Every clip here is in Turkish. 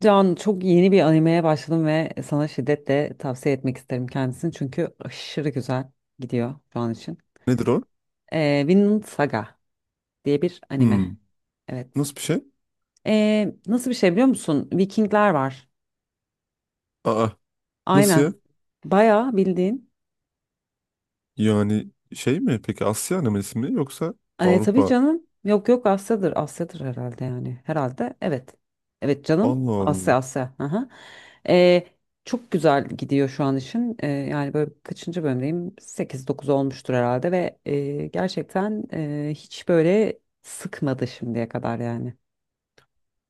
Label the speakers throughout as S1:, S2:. S1: Can, çok yeni bir animeye başladım ve sana şiddetle tavsiye etmek isterim kendisini çünkü aşırı güzel gidiyor şu an için.
S2: Nedir o?
S1: Vinland Saga diye bir
S2: Hmm.
S1: anime. Evet.
S2: Nasıl bir şey?
S1: Nasıl bir şey biliyor musun? Vikingler var.
S2: Aa, nasıl ya?
S1: Aynen. Bayağı bildiğin.
S2: Yani şey mi? Peki Asya anemisi mi, yoksa
S1: Tabii
S2: Avrupa?
S1: canım. Yok yok, Asya'dır. Asya'dır herhalde yani. Herhalde evet. Evet canım.
S2: Allah Allah.
S1: Asya Asya. Aha. E, Çok güzel gidiyor şu an işin. Yani böyle kaçıncı bölümdeyim? Sekiz 9 olmuştur herhalde ve gerçekten hiç böyle sıkmadı şimdiye kadar yani.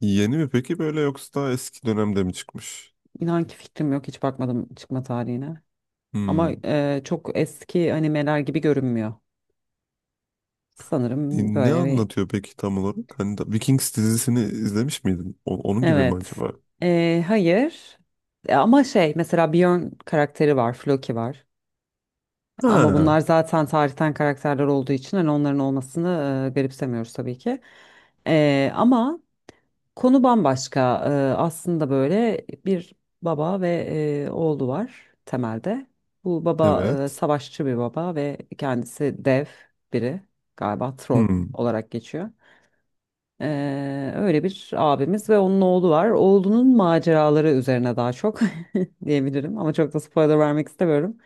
S2: Yeni mi peki böyle, yoksa daha eski dönemde mi çıkmış?
S1: İnan ki fikrim yok. Hiç bakmadım çıkma tarihine. Ama
S2: Hmm.
S1: çok eski animeler gibi görünmüyor.
S2: E,
S1: Sanırım
S2: Ne
S1: böyle.
S2: anlatıyor peki tam olarak? Hani da Vikings dizisini izlemiş miydin? Onun gibi mi
S1: Evet.
S2: acaba?
S1: Hayır. Ama şey mesela Björn karakteri var, Floki var. Ama
S2: Ha,
S1: bunlar zaten tarihten karakterler olduğu için hani onların olmasını garipsemiyoruz tabii ki. Ama konu bambaşka. Aslında böyle bir baba ve oğlu var temelde. Bu baba
S2: evet.
S1: savaşçı bir baba ve kendisi dev biri, galiba troll
S2: Hmm.
S1: olarak geçiyor. Öyle bir abimiz ve onun oğlu var. Oğlunun maceraları üzerine daha çok diyebilirim ama çok da spoiler vermek istemiyorum.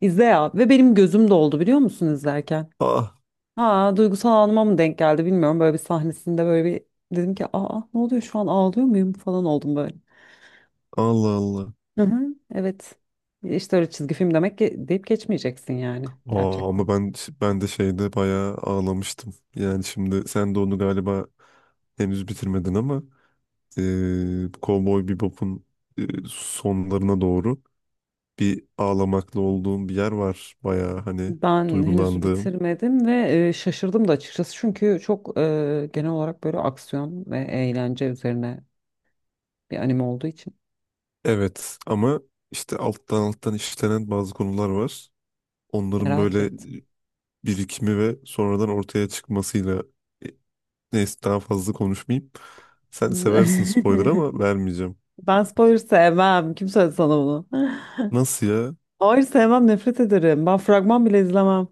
S1: İzle ya, ve benim gözüm doldu biliyor musun izlerken?
S2: Ah,
S1: Ha, duygusal anıma mı denk geldi bilmiyorum. Böyle bir sahnesinde böyle bir dedim ki, aa ne oluyor şu an, ağlıyor muyum falan oldum böyle.
S2: Allah Allah.
S1: Hı hı, evet. İşte öyle, çizgi film demek ki deyip geçmeyeceksin yani
S2: Aa,
S1: gerçekten.
S2: ama ben de şeyde bayağı ağlamıştım. Yani şimdi sen de onu galiba henüz bitirmedin, ama Cowboy Bebop'un e, sonlarına doğru bir ağlamaklı olduğum bir yer var. Bayağı hani
S1: Ben henüz
S2: duygulandığım.
S1: bitirmedim ve şaşırdım da açıkçası çünkü çok genel olarak böyle aksiyon ve eğlence üzerine bir anime olduğu için
S2: Evet, ama işte alttan alttan işlenen bazı konular var. Onların
S1: merak
S2: böyle
S1: ettim.
S2: birikimi ve sonradan ortaya çıkmasıyla. E, neyse, daha fazla konuşmayayım. Sen seversin spoiler, ama vermeyeceğim.
S1: Ben spoiler sevmem. Kim söyledi sana bunu?
S2: Nasıl ya?
S1: Hayır sevmem, nefret ederim. Ben fragman bile izlemem.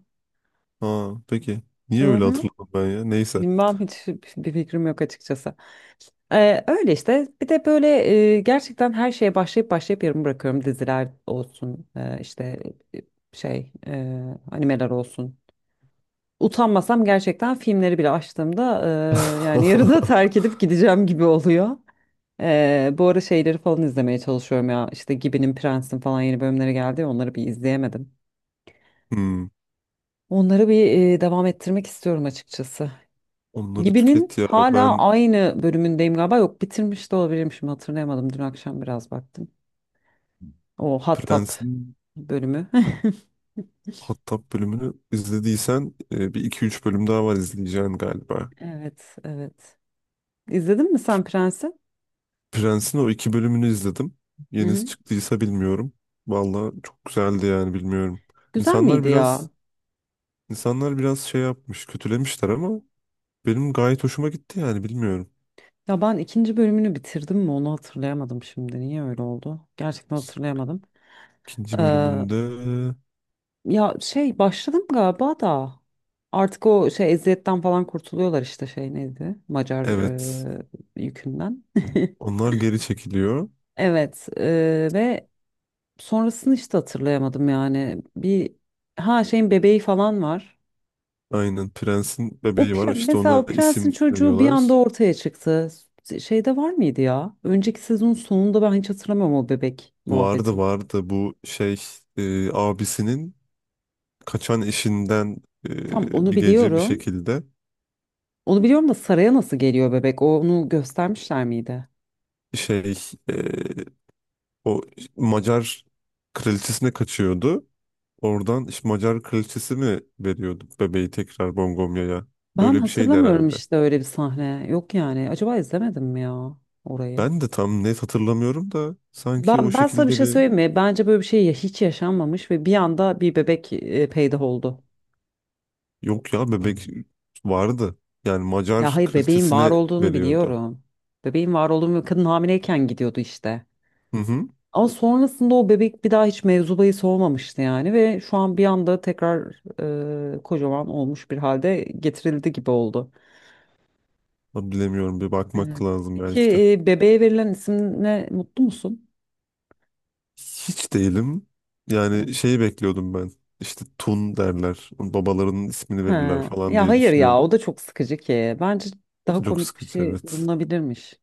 S2: Ha, peki. Niye
S1: Hı
S2: öyle
S1: hı.
S2: hatırladım ben ya? Neyse.
S1: Bilmem, hiç bir fikrim yok açıkçası. Öyle işte. Bir de böyle gerçekten her şeye başlayıp başlayıp yarım bırakıyorum. Diziler olsun, işte e, şey, animeler olsun. Utanmasam gerçekten filmleri bile açtığımda yani yarıda terk edip gideceğim gibi oluyor. Bu ara şeyleri falan izlemeye çalışıyorum ya. İşte Gibi'nin, Prens'in falan yeni bölümleri geldi ya, onları bir izleyemedim.
S2: Hmm,
S1: Onları bir devam ettirmek istiyorum açıkçası.
S2: onları tüket
S1: Gibi'nin
S2: ya.
S1: hala aynı bölümündeyim galiba. Yok, bitirmiş de olabilirim, şimdi hatırlayamadım. Dün akşam biraz baktım. O Hattab
S2: Prens'in
S1: bölümü.
S2: Hattab bölümünü izlediysen bir iki üç bölüm daha var izleyeceğin galiba.
S1: Evet, evet. İzledin mi sen Prens'i?
S2: Prens'in o iki bölümünü izledim.
S1: Hı
S2: Yenisi
S1: hı.
S2: çıktıysa bilmiyorum. Valla çok güzeldi yani, bilmiyorum.
S1: Güzel
S2: İnsanlar
S1: miydi
S2: biraz
S1: ya?
S2: insanlar biraz şey yapmış, kötülemişler, ama benim gayet hoşuma gitti yani, bilmiyorum.
S1: Ya ben ikinci bölümünü bitirdim mi onu hatırlayamadım şimdi. Niye öyle oldu? Gerçekten hatırlayamadım.
S2: İkinci
S1: Ee,
S2: bölümünde,
S1: Ya şey başladım galiba da artık o şey eziyetten falan kurtuluyorlar işte, şey neydi? Macar
S2: evet,
S1: yükünden.
S2: onlar geri çekiliyor.
S1: Evet, ve sonrasını işte hatırlayamadım yani. Bir, ha, şeyin bebeği falan var.
S2: Aynen, Prens'in
S1: O
S2: bebeği var işte,
S1: mesela
S2: ona
S1: o prensin
S2: isim
S1: çocuğu bir anda
S2: veriyorlar.
S1: ortaya çıktı. Şeyde var mıydı ya? Önceki sezonun sonunda ben hiç hatırlamıyorum o bebek muhabbeti.
S2: Vardı vardı, bu şey, abisinin kaçan eşinden
S1: Tam onu
S2: bir gece bir
S1: biliyorum.
S2: şekilde
S1: Onu biliyorum da, saraya nasıl geliyor bebek? Onu göstermişler miydi?
S2: şey, e, o Macar kraliçesine kaçıyordu. Oradan işte Macar kraliçesi mi veriyordu bebeği tekrar Bongomya'ya?
S1: Ben
S2: Öyle bir şeydi
S1: hatırlamıyorum
S2: herhalde.
S1: işte öyle bir sahne. Yok yani. Acaba izlemedim mi ya orayı?
S2: Ben de tam net hatırlamıyorum da, sanki o
S1: Ben sana bir
S2: şekilde
S1: şey
S2: bir,
S1: söyleyeyim mi? Bence böyle bir şey hiç yaşanmamış ve bir anda bir bebek peyda oldu.
S2: yok ya, bebek vardı. Yani
S1: Ya
S2: Macar
S1: hayır, bebeğin var
S2: kraliçesine
S1: olduğunu
S2: veriyordu.
S1: biliyorum. Bebeğin var olduğunu ve kadın hamileyken gidiyordu işte.
S2: Hı hı.
S1: Ama sonrasında o bebek bir daha hiç mevzu bahis olmamıştı yani, ve şu an bir anda tekrar kocaman olmuş bir halde getirildi gibi oldu.
S2: Bilemiyorum, bir bakmak
S1: Evet.
S2: lazım
S1: Peki
S2: belki de.
S1: bebeğe verilen isimle mutlu musun?
S2: Hiç değilim. Yani
S1: Yani,
S2: şeyi bekliyordum ben. İşte Tun derler, babalarının ismini verirler
S1: ha.
S2: falan
S1: Ya
S2: diye
S1: hayır ya, o
S2: düşünüyordum.
S1: da çok sıkıcı ki. Bence
S2: O da
S1: daha
S2: çok
S1: komik bir
S2: sıkıcı,
S1: şey
S2: evet.
S1: bulunabilirmiş.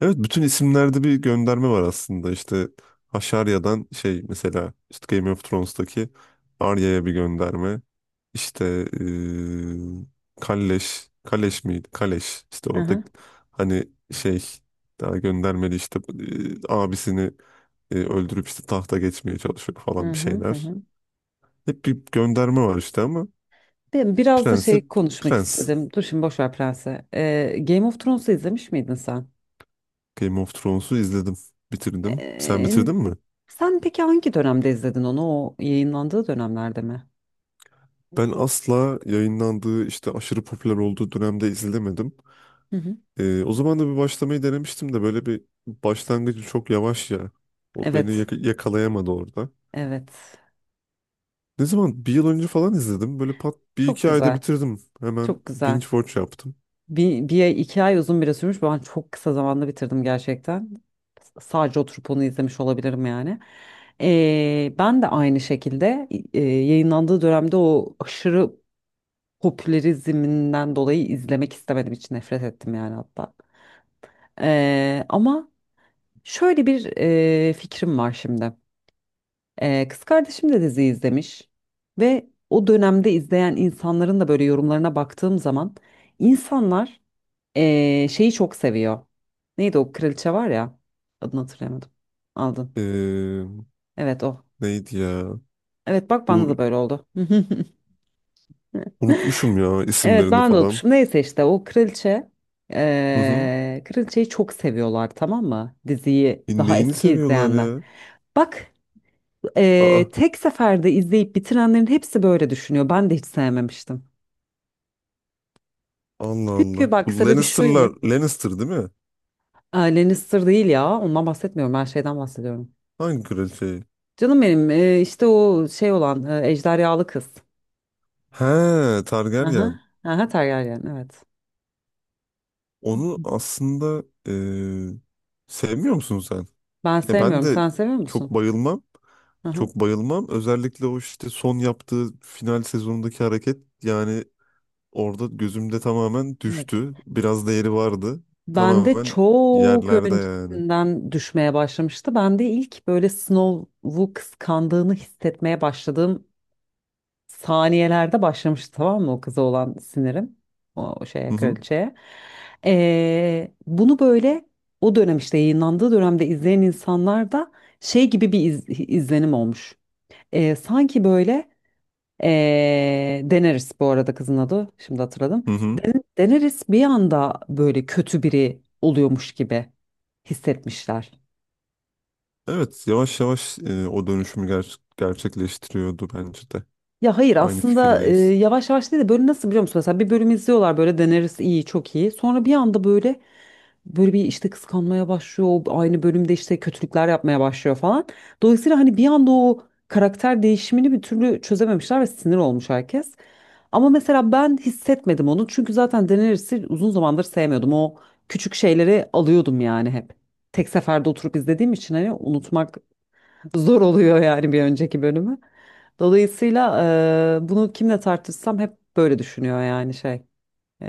S2: Evet, bütün isimlerde bir gönderme var aslında. İşte Haşarya'dan şey, mesela işte Game of Thrones'taki Arya'ya bir gönderme. İşte Kalleş. Kaleş miydi? Kaleş. İşte
S1: Hı
S2: o da
S1: hı,
S2: hani şey, daha göndermeli işte, abisini öldürüp işte tahta geçmeye çalışıyor
S1: hı
S2: falan bir
S1: hı, hı
S2: şeyler.
S1: hı.
S2: Hep bir gönderme var işte, ama
S1: Ben biraz da şey
S2: prensip
S1: konuşmak
S2: prens.
S1: istedim. Dur şimdi, boş ver Prens'e. Game of Thrones'u izlemiş miydin sen?
S2: Game of Thrones'u izledim. Bitirdim. Sen
S1: Ee,
S2: bitirdin mi?
S1: Sen peki hangi dönemde izledin onu? O yayınlandığı dönemlerde mi?
S2: Ben asla yayınlandığı işte, aşırı popüler olduğu dönemde izlemedim.
S1: Hı hı.
S2: O zaman da bir başlamayı denemiştim de, böyle bir, başlangıcı çok yavaş ya. O beni
S1: Evet,
S2: yakalayamadı orada.
S1: evet.
S2: Ne zaman? Bir yıl önce falan izledim. Böyle pat bir
S1: Çok
S2: iki ayda
S1: güzel,
S2: bitirdim. Hemen
S1: çok
S2: binge
S1: güzel.
S2: watch yaptım.
S1: Bir ay, iki ay uzun bile sürmüş. Ben çok kısa zamanda bitirdim gerçekten. Sadece oturup onu izlemiş olabilirim yani. Ben de aynı şekilde yayınlandığı dönemde o aşırı popülerizminden dolayı izlemek istemedim. Hiç nefret ettim yani hatta. Ama şöyle bir fikrim var şimdi. Kız kardeşim de dizi izlemiş. Ve o dönemde izleyen insanların da böyle yorumlarına baktığım zaman, insanlar şeyi çok seviyor. Neydi o kraliçe var ya. Adını hatırlayamadım. Aldın.
S2: Ee,
S1: Evet, o.
S2: neydi ya?
S1: Evet, bak bana
S2: Bu
S1: da böyle oldu.
S2: Unutmuşum ya
S1: Evet,
S2: isimlerini
S1: ben de
S2: falan.
S1: unutmuşum. Neyse işte o kraliçe.
S2: Hı hı.
S1: Kraliçeyi çok seviyorlar tamam mı? Diziyi
S2: E,
S1: daha
S2: Neyini
S1: eski
S2: seviyorlar
S1: izleyenler.
S2: ya?
S1: Bak,
S2: Aa,
S1: tek seferde izleyip bitirenlerin hepsi böyle düşünüyor. Ben de hiç sevmemiştim.
S2: Allah Allah.
S1: Çünkü bak,
S2: Bu
S1: sebebi şuymuş.
S2: Lannister'lar, Lannister değil mi?
S1: Aa, Lannister değil ya. Ondan bahsetmiyorum. Ben şeyden bahsediyorum.
S2: Hangi kraliçeyi?
S1: Canım benim, işte o şey olan, ejderhalı kız.
S2: He, Targaryen.
S1: Aha, aha, Tergaryen, evet.
S2: Onu aslında sevmiyor musun sen?
S1: Ben
S2: He, ben
S1: sevmiyorum.
S2: de
S1: Sen seviyor
S2: çok
S1: musun?
S2: bayılmam.
S1: Aha,
S2: Çok bayılmam. Özellikle o işte son yaptığı final sezonundaki hareket yani, orada gözümde tamamen
S1: evet.
S2: düştü. Biraz değeri vardı.
S1: Ben de
S2: Tamamen
S1: çok
S2: yerlerde yani.
S1: öncesinden düşmeye başlamıştı. Ben de ilk böyle Snow'u kıskandığını hissetmeye başladığım saniyelerde başlamıştı, tamam mı, o kıza olan sinirim. O
S2: Hı
S1: şeye,
S2: hı.
S1: kraliçeye. Bunu böyle o dönem, işte yayınlandığı dönemde izleyen insanlar da şey gibi bir izlenim olmuş. Sanki böyle. Daenerys bu arada kızın adı. Şimdi hatırladım.
S2: Hı hı.
S1: Daenerys bir anda böyle kötü biri oluyormuş gibi hissetmişler.
S2: Evet, yavaş yavaş, o dönüşümü gerçekleştiriyordu bence de.
S1: Ya hayır,
S2: Aynı
S1: aslında
S2: fikirdeyiz.
S1: yavaş yavaş değil de böyle, nasıl biliyor musun? Mesela bir bölüm izliyorlar, böyle deneriz iyi, çok iyi. Sonra bir anda böyle bir işte kıskanmaya başlıyor. O aynı bölümde işte kötülükler yapmaya başlıyor falan. Dolayısıyla hani bir anda o karakter değişimini bir türlü çözememişler ve sinir olmuş herkes. Ama mesela ben hissetmedim onu. Çünkü zaten Daenerys'i uzun zamandır sevmiyordum. O küçük şeyleri alıyordum yani hep. Tek seferde oturup izlediğim için hani unutmak zor oluyor yani bir önceki bölümü. Dolayısıyla bunu kimle tartışsam hep böyle düşünüyor yani şey. E,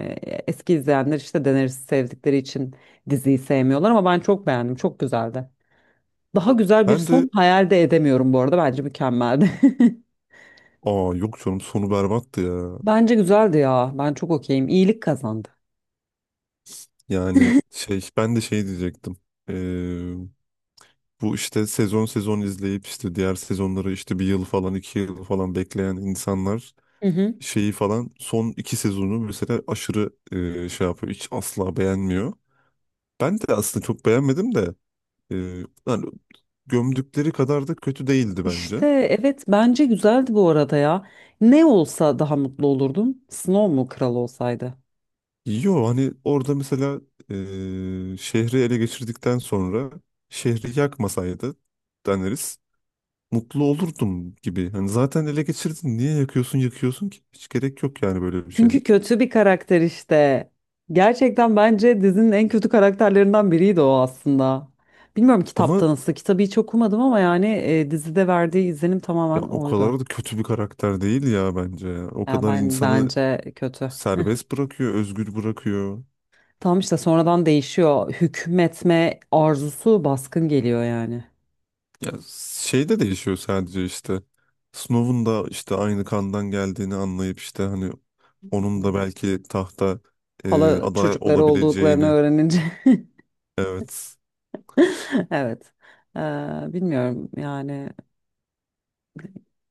S1: Eski izleyenler işte Daenerys'i sevdikleri için diziyi sevmiyorlar ama ben çok beğendim. Çok güzeldi. Daha güzel bir
S2: Ben
S1: son
S2: de
S1: hayal de edemiyorum bu arada. Bence mükemmeldi.
S2: Aa, yok canım, sonu berbattı ya.
S1: Bence güzeldi ya. Ben çok okeyim. İyilik kazandı.
S2: Yani şey, ben de şey diyecektim. Ee, bu işte sezon sezon izleyip işte diğer sezonları, işte bir yıl falan, 2 yıl falan bekleyen insanlar
S1: Hı hı.
S2: şeyi falan, son iki sezonu mesela aşırı şey yapıyor. Hiç asla beğenmiyor. Ben de aslında çok beğenmedim de, e, yani gömdükleri kadar da kötü değildi bence.
S1: İşte evet, bence güzeldi bu arada ya. Ne olsa daha mutlu olurdum. Snow mu kral olsaydı?
S2: Yo hani, orada mesela şehri ele geçirdikten sonra şehri yakmasaydı, deneriz, mutlu olurdum gibi. Hani zaten ele geçirdin, niye yakıyorsun yakıyorsun ki? Hiç gerek yok yani böyle bir şeye.
S1: Çünkü kötü bir karakter işte. Gerçekten bence dizinin en kötü karakterlerinden biriydi o aslında. Bilmiyorum
S2: Ama
S1: kitapta nasıl. Kitabı hiç okumadım ama yani dizide verdiği izlenim
S2: ya,
S1: tamamen
S2: o
S1: oydu.
S2: kadar da kötü bir karakter değil ya bence ya. O
S1: Yani
S2: kadar
S1: ben,
S2: insanı
S1: bence kötü.
S2: serbest bırakıyor, özgür bırakıyor.
S1: Tam işte sonradan değişiyor. Hükmetme arzusu baskın geliyor yani.
S2: Ya şey de değişiyor sadece işte. Snow'un da işte aynı kandan geldiğini anlayıp, işte hani onun da belki tahta
S1: Hala
S2: aday
S1: çocukları olduklarını
S2: olabileceğini.
S1: öğrenince.
S2: Evet.
S1: Evet. Ee, Bilmiyorum yani.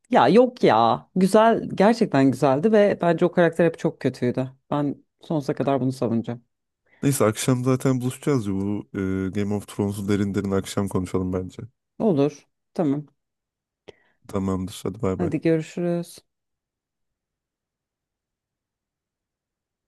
S1: Ya yok ya. Güzel, gerçekten güzeldi ve bence o karakter hep çok kötüydü. Ben sonsuza kadar bunu savunacağım.
S2: Neyse, akşam zaten buluşacağız ya, bu Game of Thrones'u derin derin akşam konuşalım bence.
S1: Olur. Tamam.
S2: Tamamdır, hadi bay bay.
S1: Hadi görüşürüz.